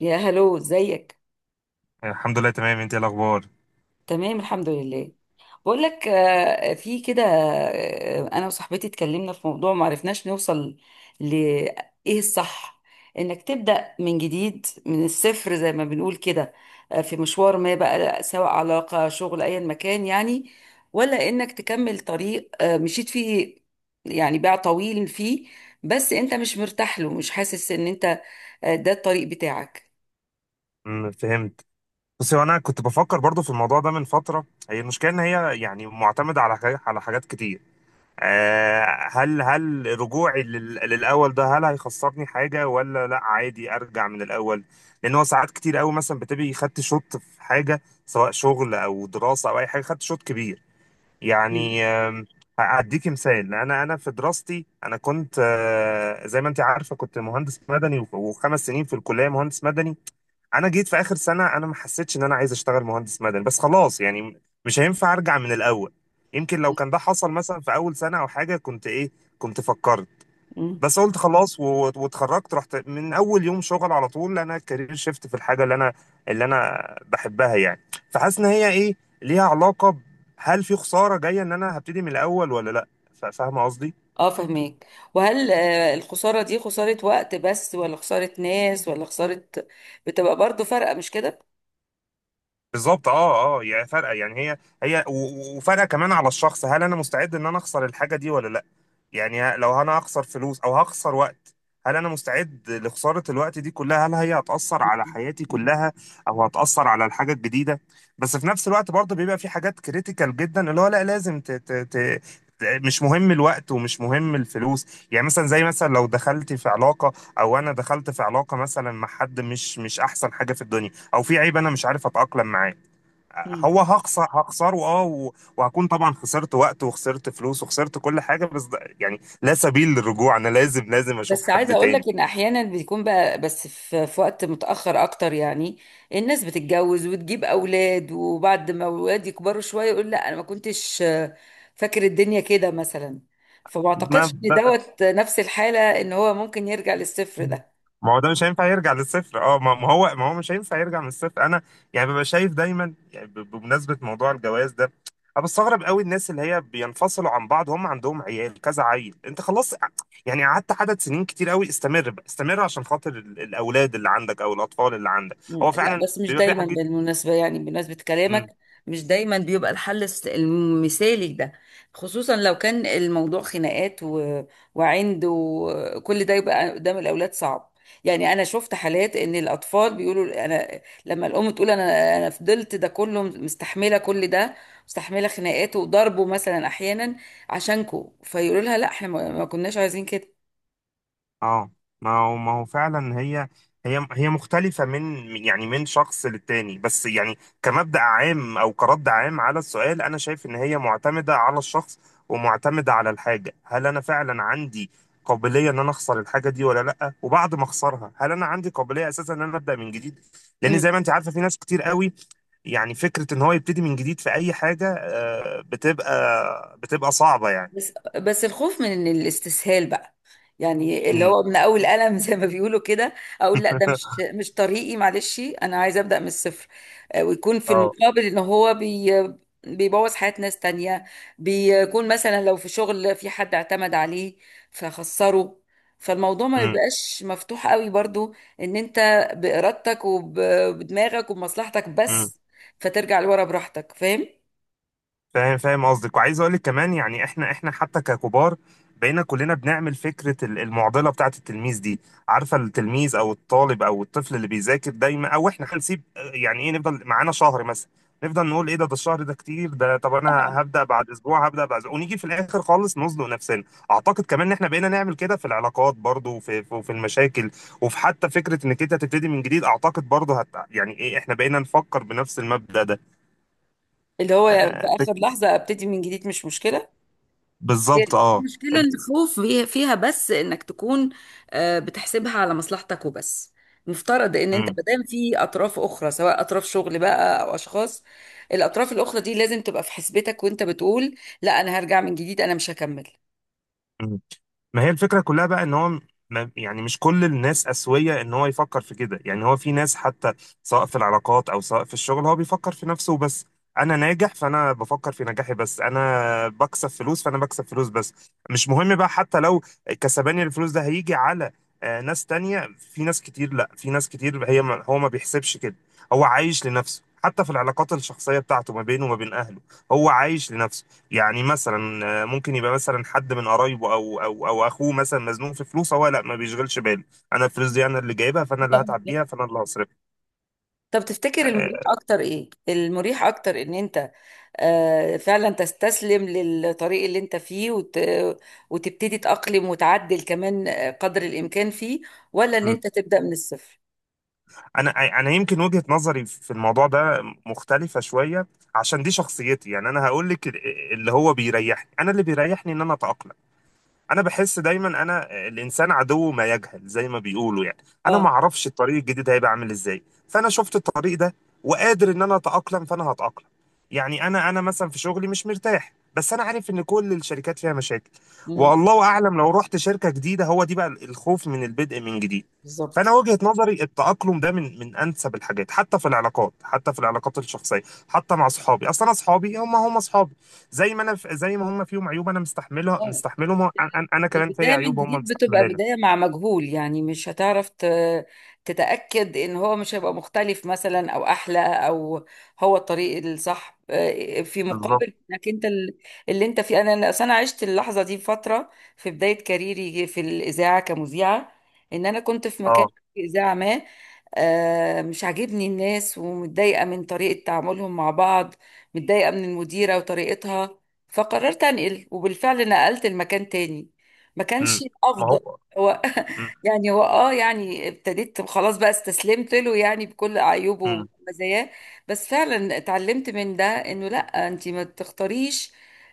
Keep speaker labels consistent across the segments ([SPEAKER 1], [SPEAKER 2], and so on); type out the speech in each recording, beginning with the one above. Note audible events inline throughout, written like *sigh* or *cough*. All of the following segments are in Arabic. [SPEAKER 1] يا هلو، ازيك؟
[SPEAKER 2] الحمد لله تمام، انت ايه الاخبار؟
[SPEAKER 1] تمام، الحمد لله. بقول لك، في كده، انا وصاحبتي اتكلمنا في موضوع ما عرفناش نوصل ل ايه الصح؟ انك تبدأ من جديد من الصفر زي ما بنقول كده. في مشوار ما بقى سواء علاقة شغل ايا مكان يعني، ولا انك تكمل طريق مشيت فيه، يعني باع طويل فيه، بس انت مش مرتاح له، مش حاسس ان انت ده الطريق بتاعك.
[SPEAKER 2] فهمت. بس هو انا كنت بفكر برضو في الموضوع ده من فتره. هي المشكله ان هي يعني معتمده على حاجات على حاجات كتير آه، هل رجوعي للاول ده هل هيخسرني حاجه ولا لا، عادي ارجع من الاول؟ لان هو ساعات كتير قوي مثلا بتبقي خدت شوط في حاجه سواء شغل او دراسه او اي حاجه، خدت شوط كبير
[SPEAKER 1] مم.
[SPEAKER 2] يعني. هأديكي مثال: انا في دراستي انا كنت زي ما انت عارفه كنت مهندس مدني، وخمس سنين في الكليه مهندس مدني. انا جيت في اخر سنه، انا ما حسيتش ان انا عايز اشتغل مهندس مدني، بس خلاص يعني مش هينفع ارجع من الاول. يمكن لو كان ده حصل مثلا في اول سنه او حاجه كنت ايه، كنت فكرت.
[SPEAKER 1] مم.
[SPEAKER 2] بس قلت خلاص واتخرجت، رحت من اول يوم شغل على طول، انا كارير شيفت في الحاجه اللي انا اللي انا بحبها يعني. فحاسس ان هي ايه، ليها علاقه هل في خساره جايه ان انا هبتدي من الاول ولا لا؟ فاهمه قصدي؟
[SPEAKER 1] اه، فهميك. وهل الخسارة دي خسارة وقت بس، ولا خسارة ناس، ولا خسارة بتبقى برضو فرقة، مش كده؟
[SPEAKER 2] بالظبط، اه اه. يعني فرقه يعني هي هي وفرقه كمان على الشخص، هل انا مستعد ان انا اخسر الحاجه دي ولا لا؟ يعني لو انا هخسر فلوس او هخسر وقت، هل انا مستعد لخسارة الوقت دي كلها؟ هل هي هتأثر على حياتي
[SPEAKER 1] مم.
[SPEAKER 2] كلها او هتأثر على الحاجة الجديدة؟ بس في نفس الوقت برضه بيبقى في حاجات كريتيكال جدا، اللي هو لا لازم مش مهم الوقت ومش مهم الفلوس. يعني مثلا، زي مثلا لو دخلت في علاقة، او انا دخلت في علاقة مثلا مع حد مش احسن حاجة في الدنيا، او في عيب انا مش عارف اتأقلم معاه،
[SPEAKER 1] مم.
[SPEAKER 2] هو هخسره اه، وهكون طبعا خسرت وقت وخسرت فلوس وخسرت كل حاجه، بس ده يعني لا سبيل للرجوع، انا لازم لازم اشوف
[SPEAKER 1] بس عايزة
[SPEAKER 2] حد
[SPEAKER 1] اقول
[SPEAKER 2] تاني.
[SPEAKER 1] لك ان احيانا بيكون بقى، بس في وقت متأخر اكتر يعني، الناس بتتجوز وتجيب اولاد، وبعد ما اولاد يكبروا شوية يقول لا انا ما كنتش فاكر الدنيا كده مثلا. فما
[SPEAKER 2] ما
[SPEAKER 1] اعتقدش ان
[SPEAKER 2] ب-
[SPEAKER 1] دوت نفس الحالة، ان هو ممكن يرجع للصفر ده.
[SPEAKER 2] ما هو ده مش هينفع يرجع للصفر. اه ما هو مش هينفع يرجع من الصفر. انا يعني ببقى شايف دايما، يعني بمناسبه موضوع الجواز ده، انا بستغرب قوي الناس اللي هي بينفصلوا عن بعض هم عندهم عيال كذا عيل، انت خلاص يعني قعدت عدد سنين كتير قوي، استمر بقى، استمر عشان خاطر الاولاد اللي عندك او الاطفال اللي عندك.
[SPEAKER 1] مم.
[SPEAKER 2] هو
[SPEAKER 1] لا،
[SPEAKER 2] فعلا
[SPEAKER 1] بس مش
[SPEAKER 2] بيبقى في
[SPEAKER 1] دايما
[SPEAKER 2] حاجات.
[SPEAKER 1] بالمناسبة، يعني بمناسبة كلامك، مش دايما بيبقى الحل المثالي ده، خصوصا لو كان الموضوع خناقات وعند، وكل ده يبقى قدام الأولاد صعب. يعني أنا شفت حالات إن الأطفال بيقولوا أنا لما الأم تقول أنا فضلت ده كله، مستحملة كل ده، مستحملة خناقات وضربه مثلا أحيانا عشانكو، فيقولوا لها لا، إحنا ما كناش عايزين كده.
[SPEAKER 2] اه ما هو ما هو فعلا هي هي مختلفة من يعني من شخص للتاني، بس يعني كمبدأ عام أو كرد عام على السؤال، أنا شايف إن هي معتمدة على الشخص ومعتمدة على الحاجة. هل أنا فعلا عندي قابلية إن أنا أخسر الحاجة دي ولا لأ؟ وبعد ما أخسرها هل أنا عندي قابلية أساسا إن أنا أبدأ من جديد؟ لأن زي ما أنت عارفة في ناس كتير قوي، يعني فكرة إن هو يبتدي من جديد في أي حاجة، بتبقى بتبقى صعبة يعني.
[SPEAKER 1] بس الخوف من إن الاستسهال بقى، يعني اللي
[SPEAKER 2] امم
[SPEAKER 1] هو من اول قلم زي ما بيقولوا كده، اقول لا ده مش
[SPEAKER 2] *laughs*
[SPEAKER 1] مش طريقي، معلش انا عايزه ابدا من الصفر. ويكون في
[SPEAKER 2] اه.
[SPEAKER 1] المقابل ان هو بيبوظ حياة ناس تانية، بيكون مثلا لو في شغل في حد اعتمد عليه فخسره، فالموضوع ما بيبقاش مفتوح قوي برضو، ان انت بارادتك وبدماغك وبمصلحتك
[SPEAKER 2] امم
[SPEAKER 1] بس فترجع لورا براحتك، فاهم؟
[SPEAKER 2] فاهم، فاهم قصدك. وعايز اقول لك كمان يعني، احنا احنا حتى ككبار بقينا كلنا بنعمل فكره المعضله بتاعه التلميذ دي. عارفه التلميذ او الطالب او الطفل اللي بيذاكر دايما، او احنا هنسيب يعني ايه، نفضل معانا شهر مثلا، نفضل نقول ايه ده، ده الشهر ده كتير، ده طب انا هبدا بعد اسبوع، هبدا بعد أسبوع، ونيجي في الاخر خالص نزنق نفسنا. اعتقد كمان ان احنا بقينا نعمل كده في العلاقات برضو، وفي في في المشاكل، وفي حتى فكره انك انت تبتدي من جديد. اعتقد برضو هت، يعني ايه، احنا بقينا نفكر بنفس المبدا ده.
[SPEAKER 1] اللي هو في
[SPEAKER 2] آه،
[SPEAKER 1] اخر لحظة ابتدي من جديد، مش مشكلة. هي
[SPEAKER 2] بالظبط اه.
[SPEAKER 1] المشكلة الخوف فيها، بس انك تكون بتحسبها على مصلحتك وبس. مفترض ان انت
[SPEAKER 2] مم.
[SPEAKER 1] مادام في اطراف اخرى سواء اطراف شغل بقى او اشخاص، الاطراف الاخرى دي لازم تبقى في حسبتك وانت بتقول لا انا هرجع من جديد، انا مش هكمل.
[SPEAKER 2] مم. ما هي الفكره كلها بقى ان هو يعني مش كل الناس اسويه ان هو يفكر في كده. يعني هو في ناس حتى سواء في العلاقات او سواء في الشغل، هو بيفكر في نفسه بس. انا ناجح فانا بفكر في نجاحي بس، انا بكسب فلوس فانا بكسب فلوس بس، مش مهم بقى حتى لو كسباني الفلوس ده هيجي على ناس تانية. في ناس كتير، لا في ناس كتير هي ما هو ما بيحسبش كده، هو عايش لنفسه حتى في العلاقات الشخصيه بتاعته ما بينه وما بين اهله، هو عايش لنفسه. يعني مثلا ممكن يبقى مثلا حد من قرايبه او اخوه مثلا مزنوق في فلوس، هو لا ما بيشغلش باله، انا الفلوس دي انا اللي جايبها فانا اللي
[SPEAKER 1] *laughs*
[SPEAKER 2] هتعب
[SPEAKER 1] طب
[SPEAKER 2] بيها فانا اللي هصرفها.
[SPEAKER 1] طب تفتكر المريح
[SPEAKER 2] آه،
[SPEAKER 1] اكتر ايه؟ المريح اكتر ان انت فعلا تستسلم للطريق اللي انت فيه وتبتدي تأقلم وتعدل كمان قدر الامكان فيه، ولا ان
[SPEAKER 2] م.
[SPEAKER 1] انت تبدأ من الصفر؟
[SPEAKER 2] انا يمكن وجهة نظري في الموضوع ده مختلفة شوية، عشان دي شخصيتي. يعني انا هقول لك اللي هو بيريحني، انا اللي بيريحني ان انا اتاقلم. انا بحس دايما، انا الانسان عدو ما يجهل زي ما بيقولوا يعني، انا
[SPEAKER 1] اه.
[SPEAKER 2] ما اعرفش الطريق الجديد هيبقى عامل ازاي، فانا شفت الطريق ده وقادر ان انا اتاقلم فانا هتاقلم. يعني انا مثلا في شغلي مش مرتاح، بس انا عارف ان كل الشركات فيها مشاكل،
[SPEAKER 1] مم.
[SPEAKER 2] والله اعلم لو رحت شركه جديده. هو دي بقى الخوف من البدء من جديد.
[SPEAKER 1] بالظبط،
[SPEAKER 2] فانا وجهه نظري التاقلم ده من انسب الحاجات، حتى في العلاقات، حتى في العلاقات الشخصيه، حتى مع اصحابي. اصلا اصحابي هم اصحابي، زي ما انا زي ما هم فيهم عيوب انا مستحملها
[SPEAKER 1] اه.
[SPEAKER 2] مستحملهم، أنا كمان في
[SPEAKER 1] البداية من
[SPEAKER 2] عيوب هم
[SPEAKER 1] جديد بتبقى
[SPEAKER 2] مستحملينها.
[SPEAKER 1] بداية مع مجهول، يعني مش هتعرف تتأكد إن هو مش هيبقى مختلف مثلا، أو أحلى، أو هو الطريق الصح، في
[SPEAKER 2] بالظبط
[SPEAKER 1] مقابل إنك أنت اللي أنت فيه. أنا أصل أنا عشت اللحظة دي فترة، في بداية كاريري في الإذاعة كمذيعة، إن أنا كنت في مكان،
[SPEAKER 2] اه.
[SPEAKER 1] في إذاعة ما، مش عاجبني الناس ومتضايقة من طريقة تعاملهم مع بعض، متضايقة من المديرة وطريقتها، فقررت أنقل، وبالفعل نقلت المكان تاني. ما كانش
[SPEAKER 2] امم ما
[SPEAKER 1] الافضل.
[SPEAKER 2] هو.
[SPEAKER 1] هو
[SPEAKER 2] امم
[SPEAKER 1] *laughs* يعني هو يعني ابتديت خلاص بقى، استسلمت له يعني بكل عيوبه
[SPEAKER 2] امم
[SPEAKER 1] ومزاياه. بس فعلا اتعلمت من ده انه لا، انت ما تختاريش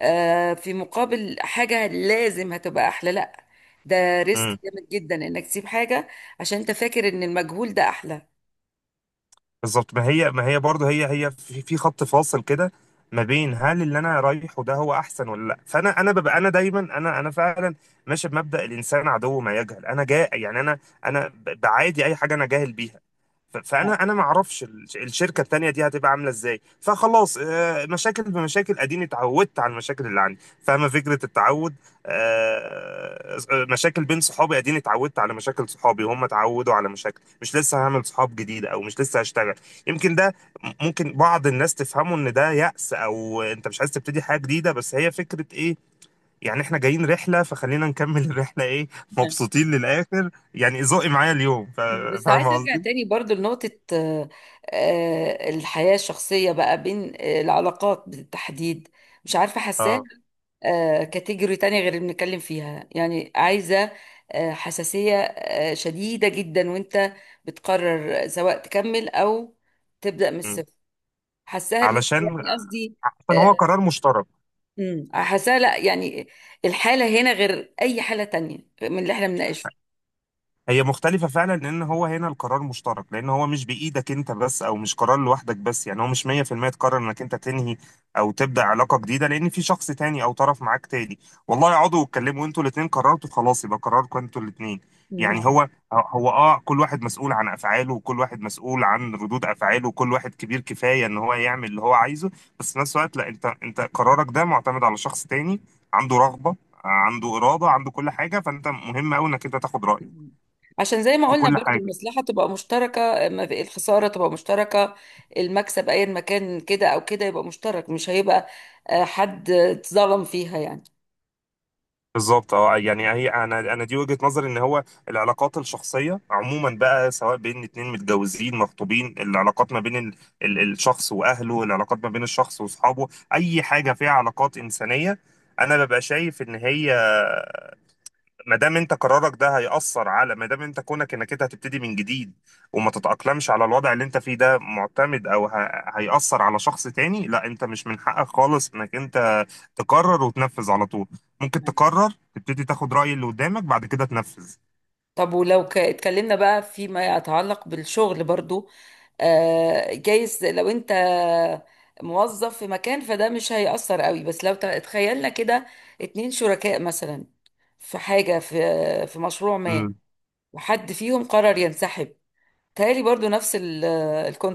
[SPEAKER 1] في مقابل حاجة لازم هتبقى احلى، لا، ده ريسك
[SPEAKER 2] امم.
[SPEAKER 1] جامد جدا انك تسيب حاجة عشان انت فاكر ان المجهول ده احلى.
[SPEAKER 2] بالظبط. ما هي برضه، هي في في خط فاصل كده ما بين هل اللي انا رايحه ده هو احسن ولا لا. فانا انا ببقى، انا دايما انا فعلا ماشي بمبدأ الانسان عدو ما يجهل. انا جا يعني، انا انا بعادي اي حاجه انا جاهل بيها. ف- فانا
[SPEAKER 1] *laughs*
[SPEAKER 2] انا ما اعرفش الشركه التانيه دي هتبقى عامله ازاي، فخلاص مشاكل بمشاكل، اديني اتعودت على المشاكل اللي عندي، فاهمه فكره التعود؟ مشاكل بين صحابي، اديني اتعودت على مشاكل صحابي وهم اتعودوا على مشاكل. مش لسه هعمل صحاب جديده او مش لسه هشتغل. يمكن ده ممكن بعض الناس تفهمه ان ده يأس او انت مش عايز تبتدي حاجة جديدة، بس هي فكرة ايه، يعني احنا جايين رحلة فخلينا نكمل *laughs* الرحلة، ايه،
[SPEAKER 1] نعم.
[SPEAKER 2] مبسوطين للآخر يعني ذوقي معايا اليوم.
[SPEAKER 1] بس
[SPEAKER 2] فاهم
[SPEAKER 1] عايزة ارجع
[SPEAKER 2] قصدي؟
[SPEAKER 1] تاني برضو لنقطة، الحياة الشخصية بقى، بين العلاقات بالتحديد، مش عارفة، حاساها
[SPEAKER 2] اه.
[SPEAKER 1] كاتيجوري تانية غير اللي بنتكلم فيها، يعني عايزة حساسية شديدة جدا وانت بتقرر سواء تكمل او تبدأ من
[SPEAKER 2] م.
[SPEAKER 1] الصفر. حاساها ليه،
[SPEAKER 2] علشان،
[SPEAKER 1] يعني قصدي
[SPEAKER 2] عشان هو
[SPEAKER 1] آه،
[SPEAKER 2] قرار مشترك.
[SPEAKER 1] حاساها لا، يعني الحالة هنا غير اي حالة تانية من اللي احنا بنناقشه.
[SPEAKER 2] هي مختلفة فعلا، لأن هو هنا القرار مشترك، لأن هو مش بإيدك أنت بس أو مش قرار لوحدك بس. يعني هو مش 100% تقرر إنك أنت تنهي أو تبدأ علاقة جديدة، لأن في شخص تاني أو طرف معاك تاني. والله اقعدوا واتكلموا، أنتوا الاتنين قررتوا خلاص يبقى قراركم أنتوا الاتنين. يعني
[SPEAKER 1] مم.
[SPEAKER 2] هو أه كل واحد مسؤول عن أفعاله، وكل واحد مسؤول عن ردود أفعاله، وكل واحد كبير كفاية إن هو يعمل اللي هو عايزه. بس في نفس الوقت لا، أنت قرارك ده معتمد على شخص تاني، عنده رغبة، عنده إرادة، عنده كل حاجة، فأنت مهم أوي إنك أنت تاخد رأيه
[SPEAKER 1] عشان زي ما
[SPEAKER 2] في
[SPEAKER 1] قلنا
[SPEAKER 2] كل
[SPEAKER 1] برضو
[SPEAKER 2] حاجه.
[SPEAKER 1] المصلحة تبقى مشتركة، ما في- الخسارة تبقى مشتركة، المكسب ايا ما كان كده او كده يبقى مشترك، مش هيبقى حد اتظلم فيها يعني.
[SPEAKER 2] بالظبط اه. يعني هي انا دي وجهه نظري ان هو العلاقات الشخصيه عموما بقى، سواء بين اتنين متجوزين مخطوبين، العلاقات ما بين ال الشخص واهله، العلاقات ما بين الشخص واصحابه، اي حاجه فيها علاقات انسانيه، انا ببقى شايف ان هي ما دام انت قرارك ده هيأثر على، ما دام انت كونك انك انت هتبتدي من جديد وما تتأقلمش على الوضع اللي انت فيه ده، معتمد او هيأثر على شخص تاني، لا انت مش من حقك خالص انك انت تقرر وتنفذ على طول. ممكن تقرر تبتدي تاخد رأي اللي قدامك بعد كده تنفذ.
[SPEAKER 1] طب، ولو اتكلمنا بقى فيما يتعلق بالشغل برضو، جايز لو انت موظف في مكان فده مش هيأثر قوي، بس لو تخيلنا كده اتنين شركاء مثلا في حاجة، في مشروع ما، وحد فيهم قرر ينسحب، تهيألي برضو نفس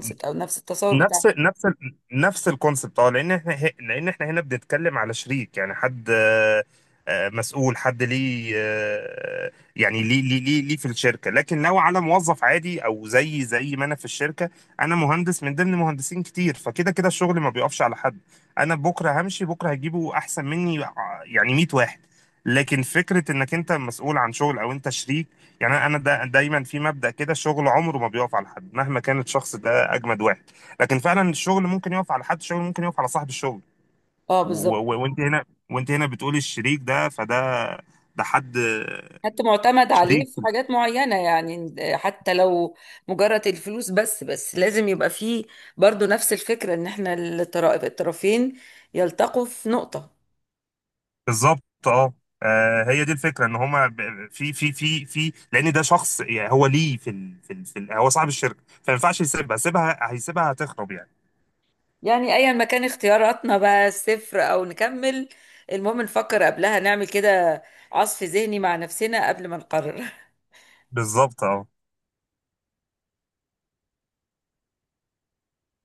[SPEAKER 2] مم.
[SPEAKER 1] او نفس التصور بتاع.
[SPEAKER 2] نفس الكونسبت اه، لان احنا لان احنا هنا بنتكلم على شريك، يعني حد مسؤول، حد ليه يعني ليه في الشركه. لكن لو على موظف عادي او زي ما انا في الشركه، انا مهندس من ضمن مهندسين كتير، فكده كده الشغل ما بيقفش على حد، انا بكره همشي بكره هجيبه احسن مني يعني 100 واحد. لكن فكره انك انت مسؤول عن شغل او انت شريك، يعني انا دا دايما في مبدأ كده: الشغل عمره ما بيقف على حد مهما كان الشخص ده اجمد واحد، لكن فعلا الشغل ممكن يقف على حد، الشغل ممكن يقف على صاحب الشغل.
[SPEAKER 1] اه،
[SPEAKER 2] و-
[SPEAKER 1] بالظبط.
[SPEAKER 2] و- وانت هنا، وانت هنا بتقولي الشريك ده، فده ده حد
[SPEAKER 1] حتى معتمد عليه
[SPEAKER 2] شريك.
[SPEAKER 1] في حاجات معينة، يعني حتى لو مجرد الفلوس بس لازم يبقى فيه برضو نفس الفكرة، ان احنا الطرفين يلتقوا في نقطة.
[SPEAKER 2] بالظبط اه. هي دي الفكره ان هما في لان ده شخص يعني هو ليه في هو صاحب الشركه، فما ينفعش يسيبها، سيبها هيسيبها هتخرب يعني.
[SPEAKER 1] يعني ايا ما كان اختياراتنا بقى، صفر او نكمل، المهم نفكر قبلها، نعمل كده عصف ذهني مع نفسنا قبل ما نقرر.
[SPEAKER 2] بالظبط اه.